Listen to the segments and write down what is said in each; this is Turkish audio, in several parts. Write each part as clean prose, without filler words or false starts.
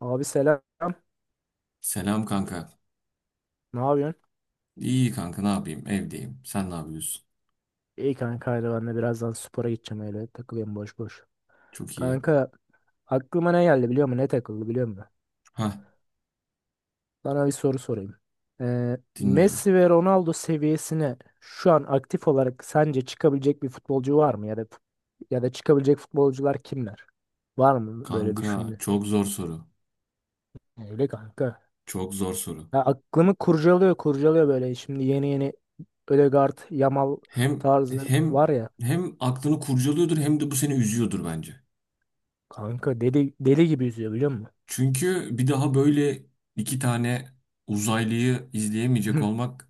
Abi selam. Selam kanka. Ne yapıyorsun? İyi kanka ne yapayım? Evdeyim. Sen ne yapıyorsun? İyi kanka, haydi ben de birazdan spora gideceğim, öyle takılıyorum boş boş. Çok iyi. Kanka, aklıma ne geldi biliyor musun? Ne takıldı biliyor musun? Hah, Sana bir soru sorayım. Dinliyorum. Messi ve Ronaldo seviyesine şu an aktif olarak sence çıkabilecek bir futbolcu var mı? Ya da çıkabilecek futbolcular kimler? Var mı böyle Kanka düşündü? çok zor soru. Öyle kanka. Çok zor soru. Ya aklımı kurcalıyor kurcalıyor böyle, şimdi yeni yeni Ødegaard, Yamal Hem tarzı hem var ya. hem aklını kurcalıyordur hem de bu seni üzüyordur bence. Kanka, deli deli gibi yüzüyor biliyor musun? Çünkü bir daha böyle iki tane uzaylıyı izleyemeyecek olmak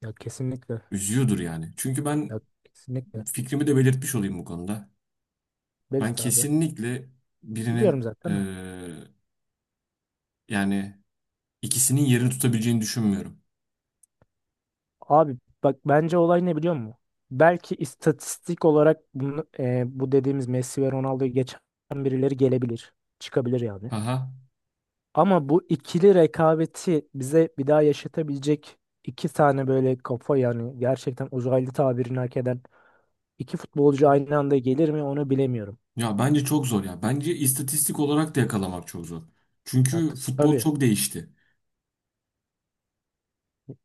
Ya kesinlikle. üzüyordur yani. Çünkü Ya ben kesinlikle. fikrimi de belirtmiş olayım bu konuda. Ben Berit abi. kesinlikle Biliyorum birinin zaten de. Yani ikisinin yerini tutabileceğini düşünmüyorum. Abi, bak bence olay ne biliyor musun? Belki istatistik olarak bunu, bu dediğimiz Messi ve Ronaldo'yu geçen birileri gelebilir. Çıkabilir yani. Haha. Ama bu ikili rekabeti bize bir daha yaşatabilecek iki tane böyle kafa, yani gerçekten uzaylı tabirini hak eden iki futbolcu aynı anda gelir mi onu bilemiyorum. Ya bence çok zor ya. Bence istatistik olarak da yakalamak çok zor. Ya Çünkü futbol tabii. çok değişti.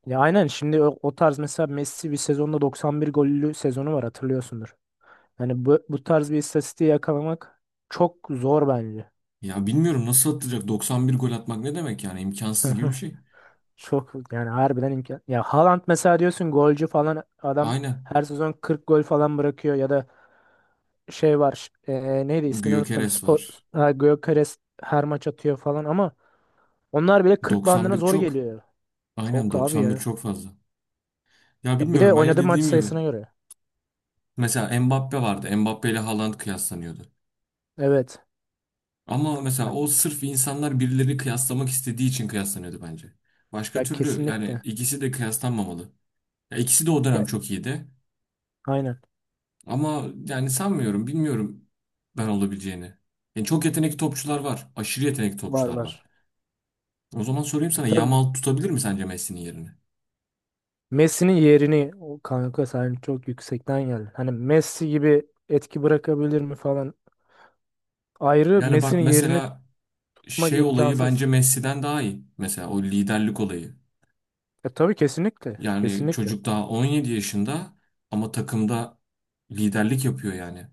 Ya aynen, şimdi o tarz mesela Messi bir sezonda 91 gollü sezonu var, hatırlıyorsundur. Yani bu tarz bir istatistiği yakalamak çok zor bence. Ya bilmiyorum nasıl atacak, 91 gol atmak ne demek yani, imkansız gibi bir şey. Çok yani, harbiden imkan. Ya Haaland mesela, diyorsun golcü falan adam Aynen. her sezon 40 gol falan bırakıyor ya da şey var neydi, ismini unuttum. Gyökeres Spor. var. Ha, Gyökeres her maç atıyor falan ama onlar bile 40 bandına 91 zor çok. geliyor. Aynen, Çok abi 91 ya. çok fazla. Ya Ya bir de bilmiyorum, bence oynadığı maç dediğim gibi. sayısına göre. Mesela Mbappe vardı. Mbappe ile Haaland kıyaslanıyordu. Evet. Ama mesela Ya, o, sırf insanlar birileri kıyaslamak istediği için kıyaslanıyordu bence. Başka ya, türlü yani kesinlikle. ikisi de kıyaslanmamalı. Ya ikisi de o Ya, dönem çok iyiydi. aynen. Ama yani sanmıyorum, bilmiyorum ben olabileceğini. Yani çok yetenekli topçular var. Aşırı yetenekli Var topçular var. var. O zaman sorayım E sana, tabii, Yamal tutabilir mi sence Messi'nin yerini? Messi'nin yerini o kanka sen çok yüksekten geldin. Hani Messi gibi etki bırakabilir mi falan. Ayrı, Yani bak Messi'nin yerini mesela tutmak şey olayı bence imkansız. Messi'den daha iyi. Mesela o liderlik olayı. E tabii kesinlikle. Yani Kesinlikle. çocuk daha 17 yaşında ama takımda liderlik yapıyor yani.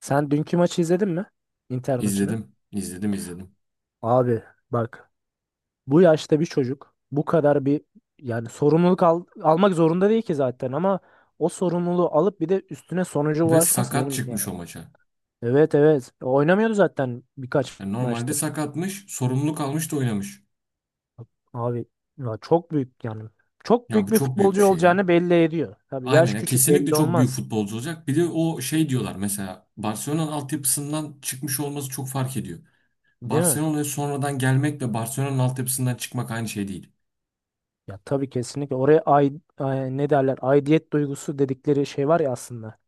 Sen dünkü maçı izledin mi? Inter maçını. İzledim, izledim, izledim. Abi bak, bu yaşta bir çocuk bu kadar bir, yani sorumluluk almak zorunda değil ki zaten ama o sorumluluğu alıp bir de üstüne sonuca Ve ulaşması sakat benim ya. çıkmış o maça. Evet, evet. Oynamıyordu zaten birkaç Yani normalde maçtır. sakatmış, sorumluluk almış da oynamış. Abi ya çok büyük yani. Çok Ya büyük bu bir çok büyük bir futbolcu şey ya. olacağını belli ediyor. Tabii Aynen yaş ya, küçük, kesinlikle belli çok büyük olmaz. futbolcu olacak. Bir de o şey diyorlar, mesela Barcelona'nın altyapısından çıkmış olması çok fark ediyor. Değil mi? Barcelona'ya sonradan gelmekle Barcelona'nın altyapısından çıkmak aynı şey değil. Ya tabii kesinlikle. Oraya ne derler? Aidiyet duygusu dedikleri şey var ya aslında.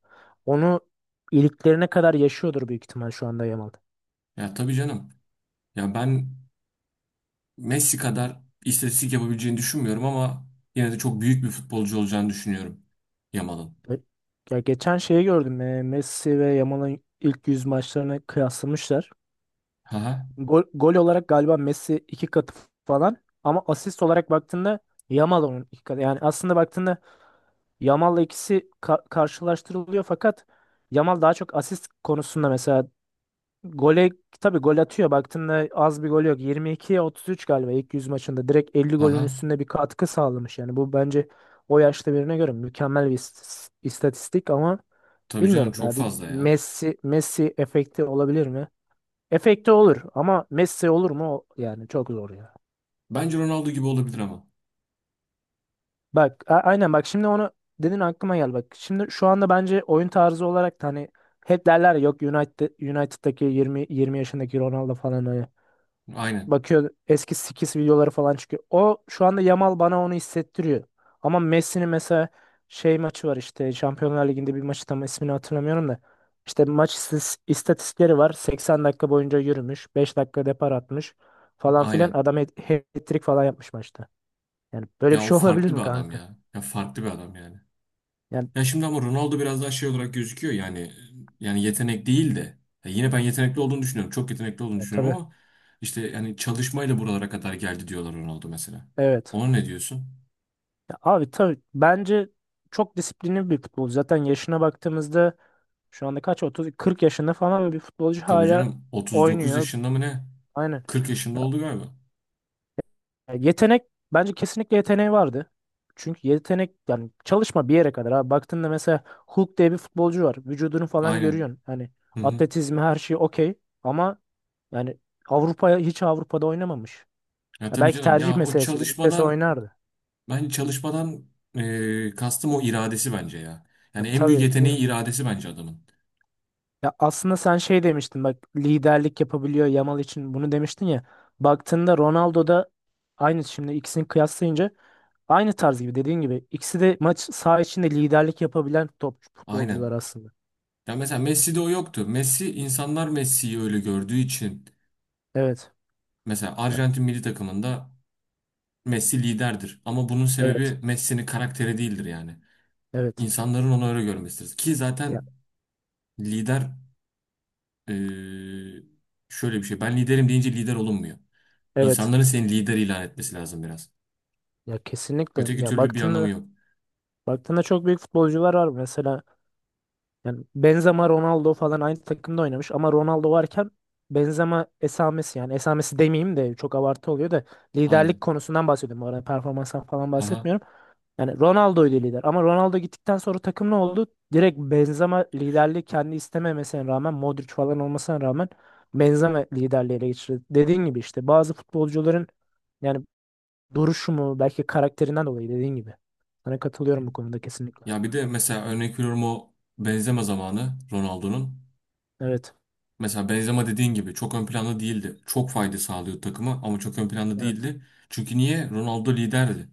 Onu iliklerine kadar yaşıyordur büyük ihtimal şu anda Yamal. Ya tabii canım. Ya ben Messi kadar istatistik yapabileceğini düşünmüyorum ama yine de çok büyük bir futbolcu olacağını düşünüyorum Yamal'ın. E, Ya geçen şeyi gördüm. Messi ve Yamal'ın ilk 100 maçlarını kıyaslamışlar. Haha. Gol olarak galiba Messi iki katı falan ama asist olarak baktığında Yamal onun iki katı. Yani aslında baktığında Yamal'la ikisi karşılaştırılıyor fakat Yamal daha çok asist konusunda mesela gole, tabii gol atıyor, baktığında az bir gol yok, 22'ye 33 galiba, ilk 100 maçında direkt 50 golün Haha. üstünde bir katkı sağlamış, yani bu bence o yaşta birine göre mükemmel bir istatistik ama Tabii canım, bilmiyorum çok ya, bir fazla ya. Messi efekti olabilir mi? Efekti olur ama Messi olur mu? Yani çok zor ya. Bence Ronaldo gibi olabilir ama. Bak aynen, bak şimdi onu dedin aklıma gel bak. Şimdi şu anda bence oyun tarzı olarak da, hani hep derler ya, yok United'daki 20 yaşındaki Ronaldo falan, öyle. Aynen. Bakıyor, eski skills videoları falan çıkıyor. O şu anda Yamal bana onu hissettiriyor. Ama Messi'nin mesela şey maçı var, işte Şampiyonlar Ligi'nde bir maçı, tam ismini hatırlamıyorum da. İşte maç istatistikleri var. 80 dakika boyunca yürümüş. 5 dakika depar atmış falan filan. Aynen. Adam hat-trick falan yapmış maçta. Yani böyle bir Ya o şey olabilir farklı bir mi adam kanka? ya. Ya farklı bir adam yani. Yani. Ya şimdi ama Ronaldo biraz daha şey olarak gözüküyor yani, yetenek değil de, ya yine ben yetenekli olduğunu düşünüyorum. Çok yetenekli olduğunu Ya, düşünüyorum tabii. ama işte yani çalışmayla buralara kadar geldi diyorlar Ronaldo mesela. Evet. Ona ne diyorsun? Ya abi tabii, bence çok disiplinli bir futbolcu. Zaten yaşına baktığımızda, şu anda kaç, 30 40 yaşında falan bir futbolcu Tabii hala canım, 39 oynuyor. yaşında mı ne? Aynen. 40 yaşında Ya, oldu galiba. ya, yetenek bence kesinlikle, yeteneği vardı. Çünkü yetenek, yani çalışma bir yere kadar. Abi baktığında mesela Hulk diye bir futbolcu var. Vücudunu falan Aynen. görüyorsun. Hani Hı hı. atletizmi her şey okey ama, yani Avrupa'ya hiç Avrupa'da oynamamış. Ya Ya tabii belki canım tercih ya, o meselesidir. Lig'de çalışmadan oynardı. ben çalışmadan kastım o, iradesi bence ya. Ya Yani en büyük tabii değil yeteneği mi? iradesi bence adamın. Ya aslında sen şey demiştin bak, liderlik yapabiliyor Yamal için bunu demiştin ya. Baktığında Ronaldo da aynı, şimdi ikisini kıyaslayınca aynı tarz gibi, dediğin gibi ikisi de maç saha içinde liderlik yapabilen top futbolcular Aynen. aslında. Ya mesela Messi'de o yoktu. Messi, insanlar Messi'yi öyle gördüğü için. Evet. Mesela Ya, Arjantin milli takımında Messi liderdir. Ama bunun evet. sebebi Messi'nin karakteri değildir yani. Evet. İnsanların onu öyle görmesidir. Ki Ya zaten lider eee, şöyle bir şey. Ben liderim deyince lider olunmuyor. evet. İnsanların seni lider ilan etmesi lazım biraz. Ya kesinlikle. Öteki Ya türlü bir anlamı baktığında yok. baktığında çok büyük futbolcular var mesela. Yani Benzema, Ronaldo falan aynı takımda oynamış ama Ronaldo varken Benzema esamesi, yani esamesi demeyeyim de çok abartı oluyor da, liderlik Aynen. konusundan bahsediyorum. Bu arada performanstan falan Haha. bahsetmiyorum. Yani Ronaldo'ydu lider ama Ronaldo gittikten sonra takım ne oldu? Direkt Benzema liderliği, kendi istememesine rağmen, Modric falan olmasına rağmen Benzema liderliği ele geçirdi. Dediğin gibi işte bazı futbolcuların, yani duruşu mu, belki karakterinden dolayı, dediğin gibi. Sana katılıyorum bu konuda kesinlikle. Ya bir de mesela örnek veriyorum, o Benzema zamanı Ronaldo'nun. Evet, Mesela Benzema dediğin gibi çok ön planda değildi. Çok fayda sağlıyordu takıma ama çok ön planda evet. değildi. Çünkü niye? Ronaldo liderdi.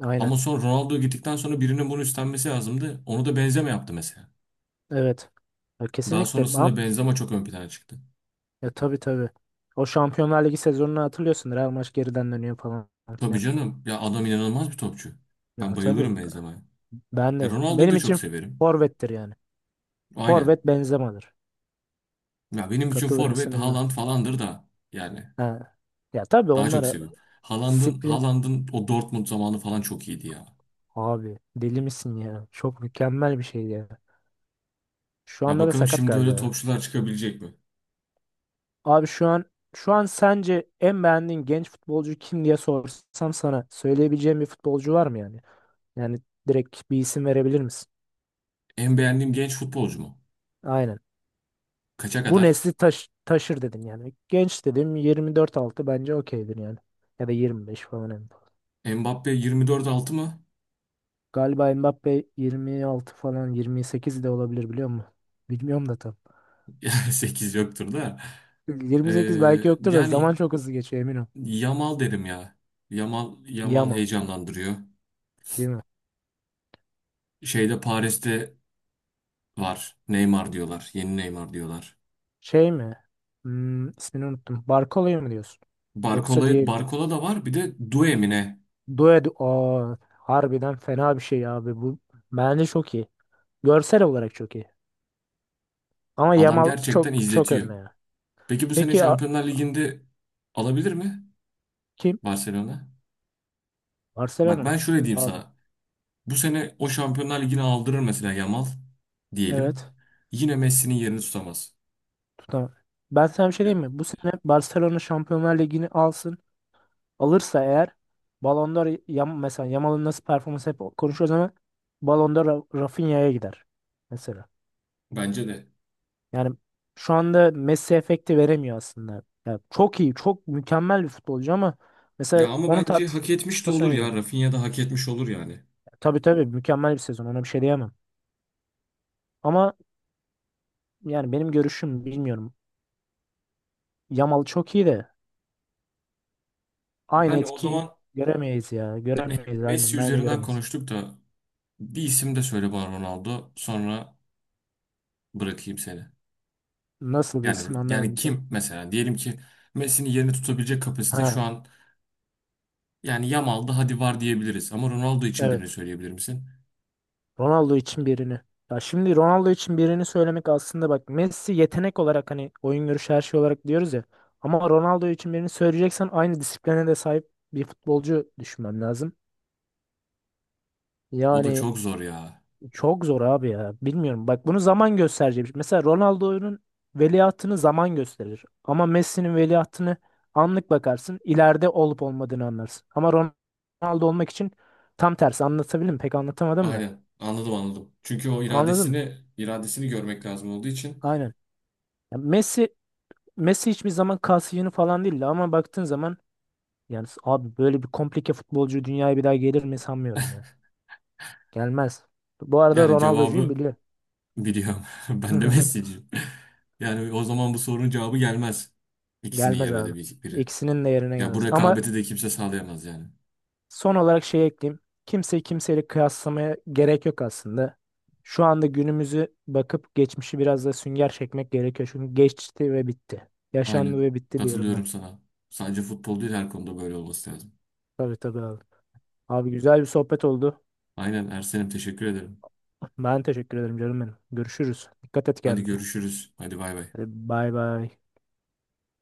Aynen. Ama sonra Ronaldo gittikten sonra birinin bunu üstlenmesi lazımdı. Onu da Benzema yaptı mesela. Evet. Ya Daha kesinlikle. sonrasında Ama Benzema çok ön plana çıktı. ya tabii tabii. O Şampiyonlar Ligi sezonunu hatırlıyorsun, Real maç geriden dönüyor falan Tabii filan. canım ya, adam inanılmaz bir topçu. Ya Ben tabii. bayılırım Benzema'ya. Ben Ya de. Ronaldo'yu Benim da çok için severim. forvettir yani. Aynen. Forvet Benzema'dır. Ya benim için Katılır forvet mısın bilmiyorum. Haaland falandır da, yani Ha. Ya tabii daha çok onlara seviyorum. Haaland'ın sprint, Haaland'ın o Dortmund zamanı falan çok iyiydi ya. abi deli misin ya? Çok mükemmel bir şey ya. Şu Ya anda da bakalım sakat şimdi galiba öyle ya. topçular çıkabilecek mi? Abi, şu an sence en beğendiğin genç futbolcu kim diye sorsam, sana söyleyebileceğim bir futbolcu var mı yani? Yani direkt bir isim verebilir misin? En beğendiğim genç futbolcu mu? Aynen. Kaça Bu kadar? nesli taş taşır dedim yani. Genç dedim, 24-6 bence okeydir yani. Ya da 25 falan en fazla. Mbappe 24 altı mı? Galiba Mbappe 26 falan, 28 de olabilir biliyor musun? Bilmiyorum da tam. 8 yoktur da. Ee, 28 belki yoktur da Yani zaman çok hızlı geçiyor, emin ol. Yamal derim ya. Yamal Yama heyecanlandırıyor. değil mi? Şeyde, Paris'te var. Neymar diyorlar. Yeni Neymar diyorlar. Şey mi? İsmini unuttum. Barkola'ya mı diyorsun? Yoksa Barcola, diğer Barcola da var. Bir de Doué mi ne? Aa, harbiden fena bir şey abi bu. Bence çok iyi. Görsel olarak çok iyi. Ama Adam Yamal çok gerçekten çok izletiyor. önde ya. Peki bu sene Peki Şampiyonlar Ligi'nde alabilir mi kim? Barcelona? Bak Barcelona ben mı? şöyle diyeyim Abi sana. Bu sene o Şampiyonlar Ligi'ni aldırır mesela Yamal diyelim. evet. Yine Messi'nin yerini tutamaz. Tutamam. Ben sana bir şey diyeyim Ya, mi? Bu sene Barcelona Şampiyonlar Ligi'ni alsın. Alırsa eğer Ballon d'Or, mesela Yamal'ın nasıl performans hep konuşuyoruz ama Ballon d'Or Rafinha'ya gider mesela. bence de. Yani şu anda Messi efekti veremiyor aslında. Yani çok iyi, çok mükemmel bir futbolcu ama Ya mesela ama onun bence hak etmiş de tartışmasına olur ya. giriyor. Rafinha da hak etmiş olur yani. Tabii tabii, mükemmel bir sezon, ona bir şey diyemem. Ama yani benim görüşüm, bilmiyorum. Yamal çok iyi de aynı Yani o etki zaman göremeyiz ya. Göremeyiz Messi aynen. Bence üzerinden göremeyiz. konuştuk da bir isim de söyle bana Ronaldo. Sonra bırakayım seni. Nasıl bir Yani isim anlamadım. kim mesela? Diyelim ki Messi'nin yerini tutabilecek kapasite şu Ha an, yani Yamal'da hadi var diyebiliriz. Ama Ronaldo için birini evet. söyleyebilir misin? Ronaldo için birini. Ya şimdi Ronaldo için birini söylemek aslında, bak Messi yetenek olarak hani, oyun görüşü her şey olarak diyoruz ya. Ama Ronaldo için birini söyleyeceksen aynı disipline de sahip bir futbolcu düşünmem lazım. O da Yani. çok zor ya. Çok zor abi ya. Bilmiyorum. Bak bunu zaman gösterecek. Mesela Ronaldo'nun veliahtını zaman gösterir. Ama Messi'nin veliahtını anlık bakarsın, ileride olup olmadığını anlarsın. Ama Ronaldo olmak için tam tersi. Anlatabildim mi? Pek anlatamadım da. Aynen. Anladım, anladım. Çünkü o Anladın mı? iradesini görmek lazım olduğu için Aynen. Ya Messi hiçbir zaman kasiyonu falan değildi ama baktığın zaman yani, abi böyle bir komplike futbolcu dünyaya bir daha gelir mi sanmıyorum ya. Gelmez. Bu arada yani, Ronaldo'cuyum cevabı biliyor. biliyorum. Ben de Messi'ciyim. Yani o zaman bu sorunun cevabı gelmez. İkisinin Gelmez yerine abi. de bir- biri. İkisinin de yerine Ya bu gelmez. Ama rekabeti de kimse sağlayamaz yani. son olarak şey ekleyeyim. Kimseyi kimseyle kıyaslamaya gerek yok aslında. Şu anda günümüzü bakıp geçmişi biraz da sünger çekmek gerekiyor. Çünkü geçti ve bitti. Yaşandı Aynen. ve bitti diyorum ben. Katılıyorum sana. Sadece futbol değil, her konuda böyle olması lazım. Tabii tabii abi. Abi güzel bir sohbet oldu. Aynen Ersen'im, teşekkür ederim. Ben teşekkür ederim canım benim. Görüşürüz. Dikkat et Hadi kendine. görüşürüz. Hadi bay bay. Hadi bay bay.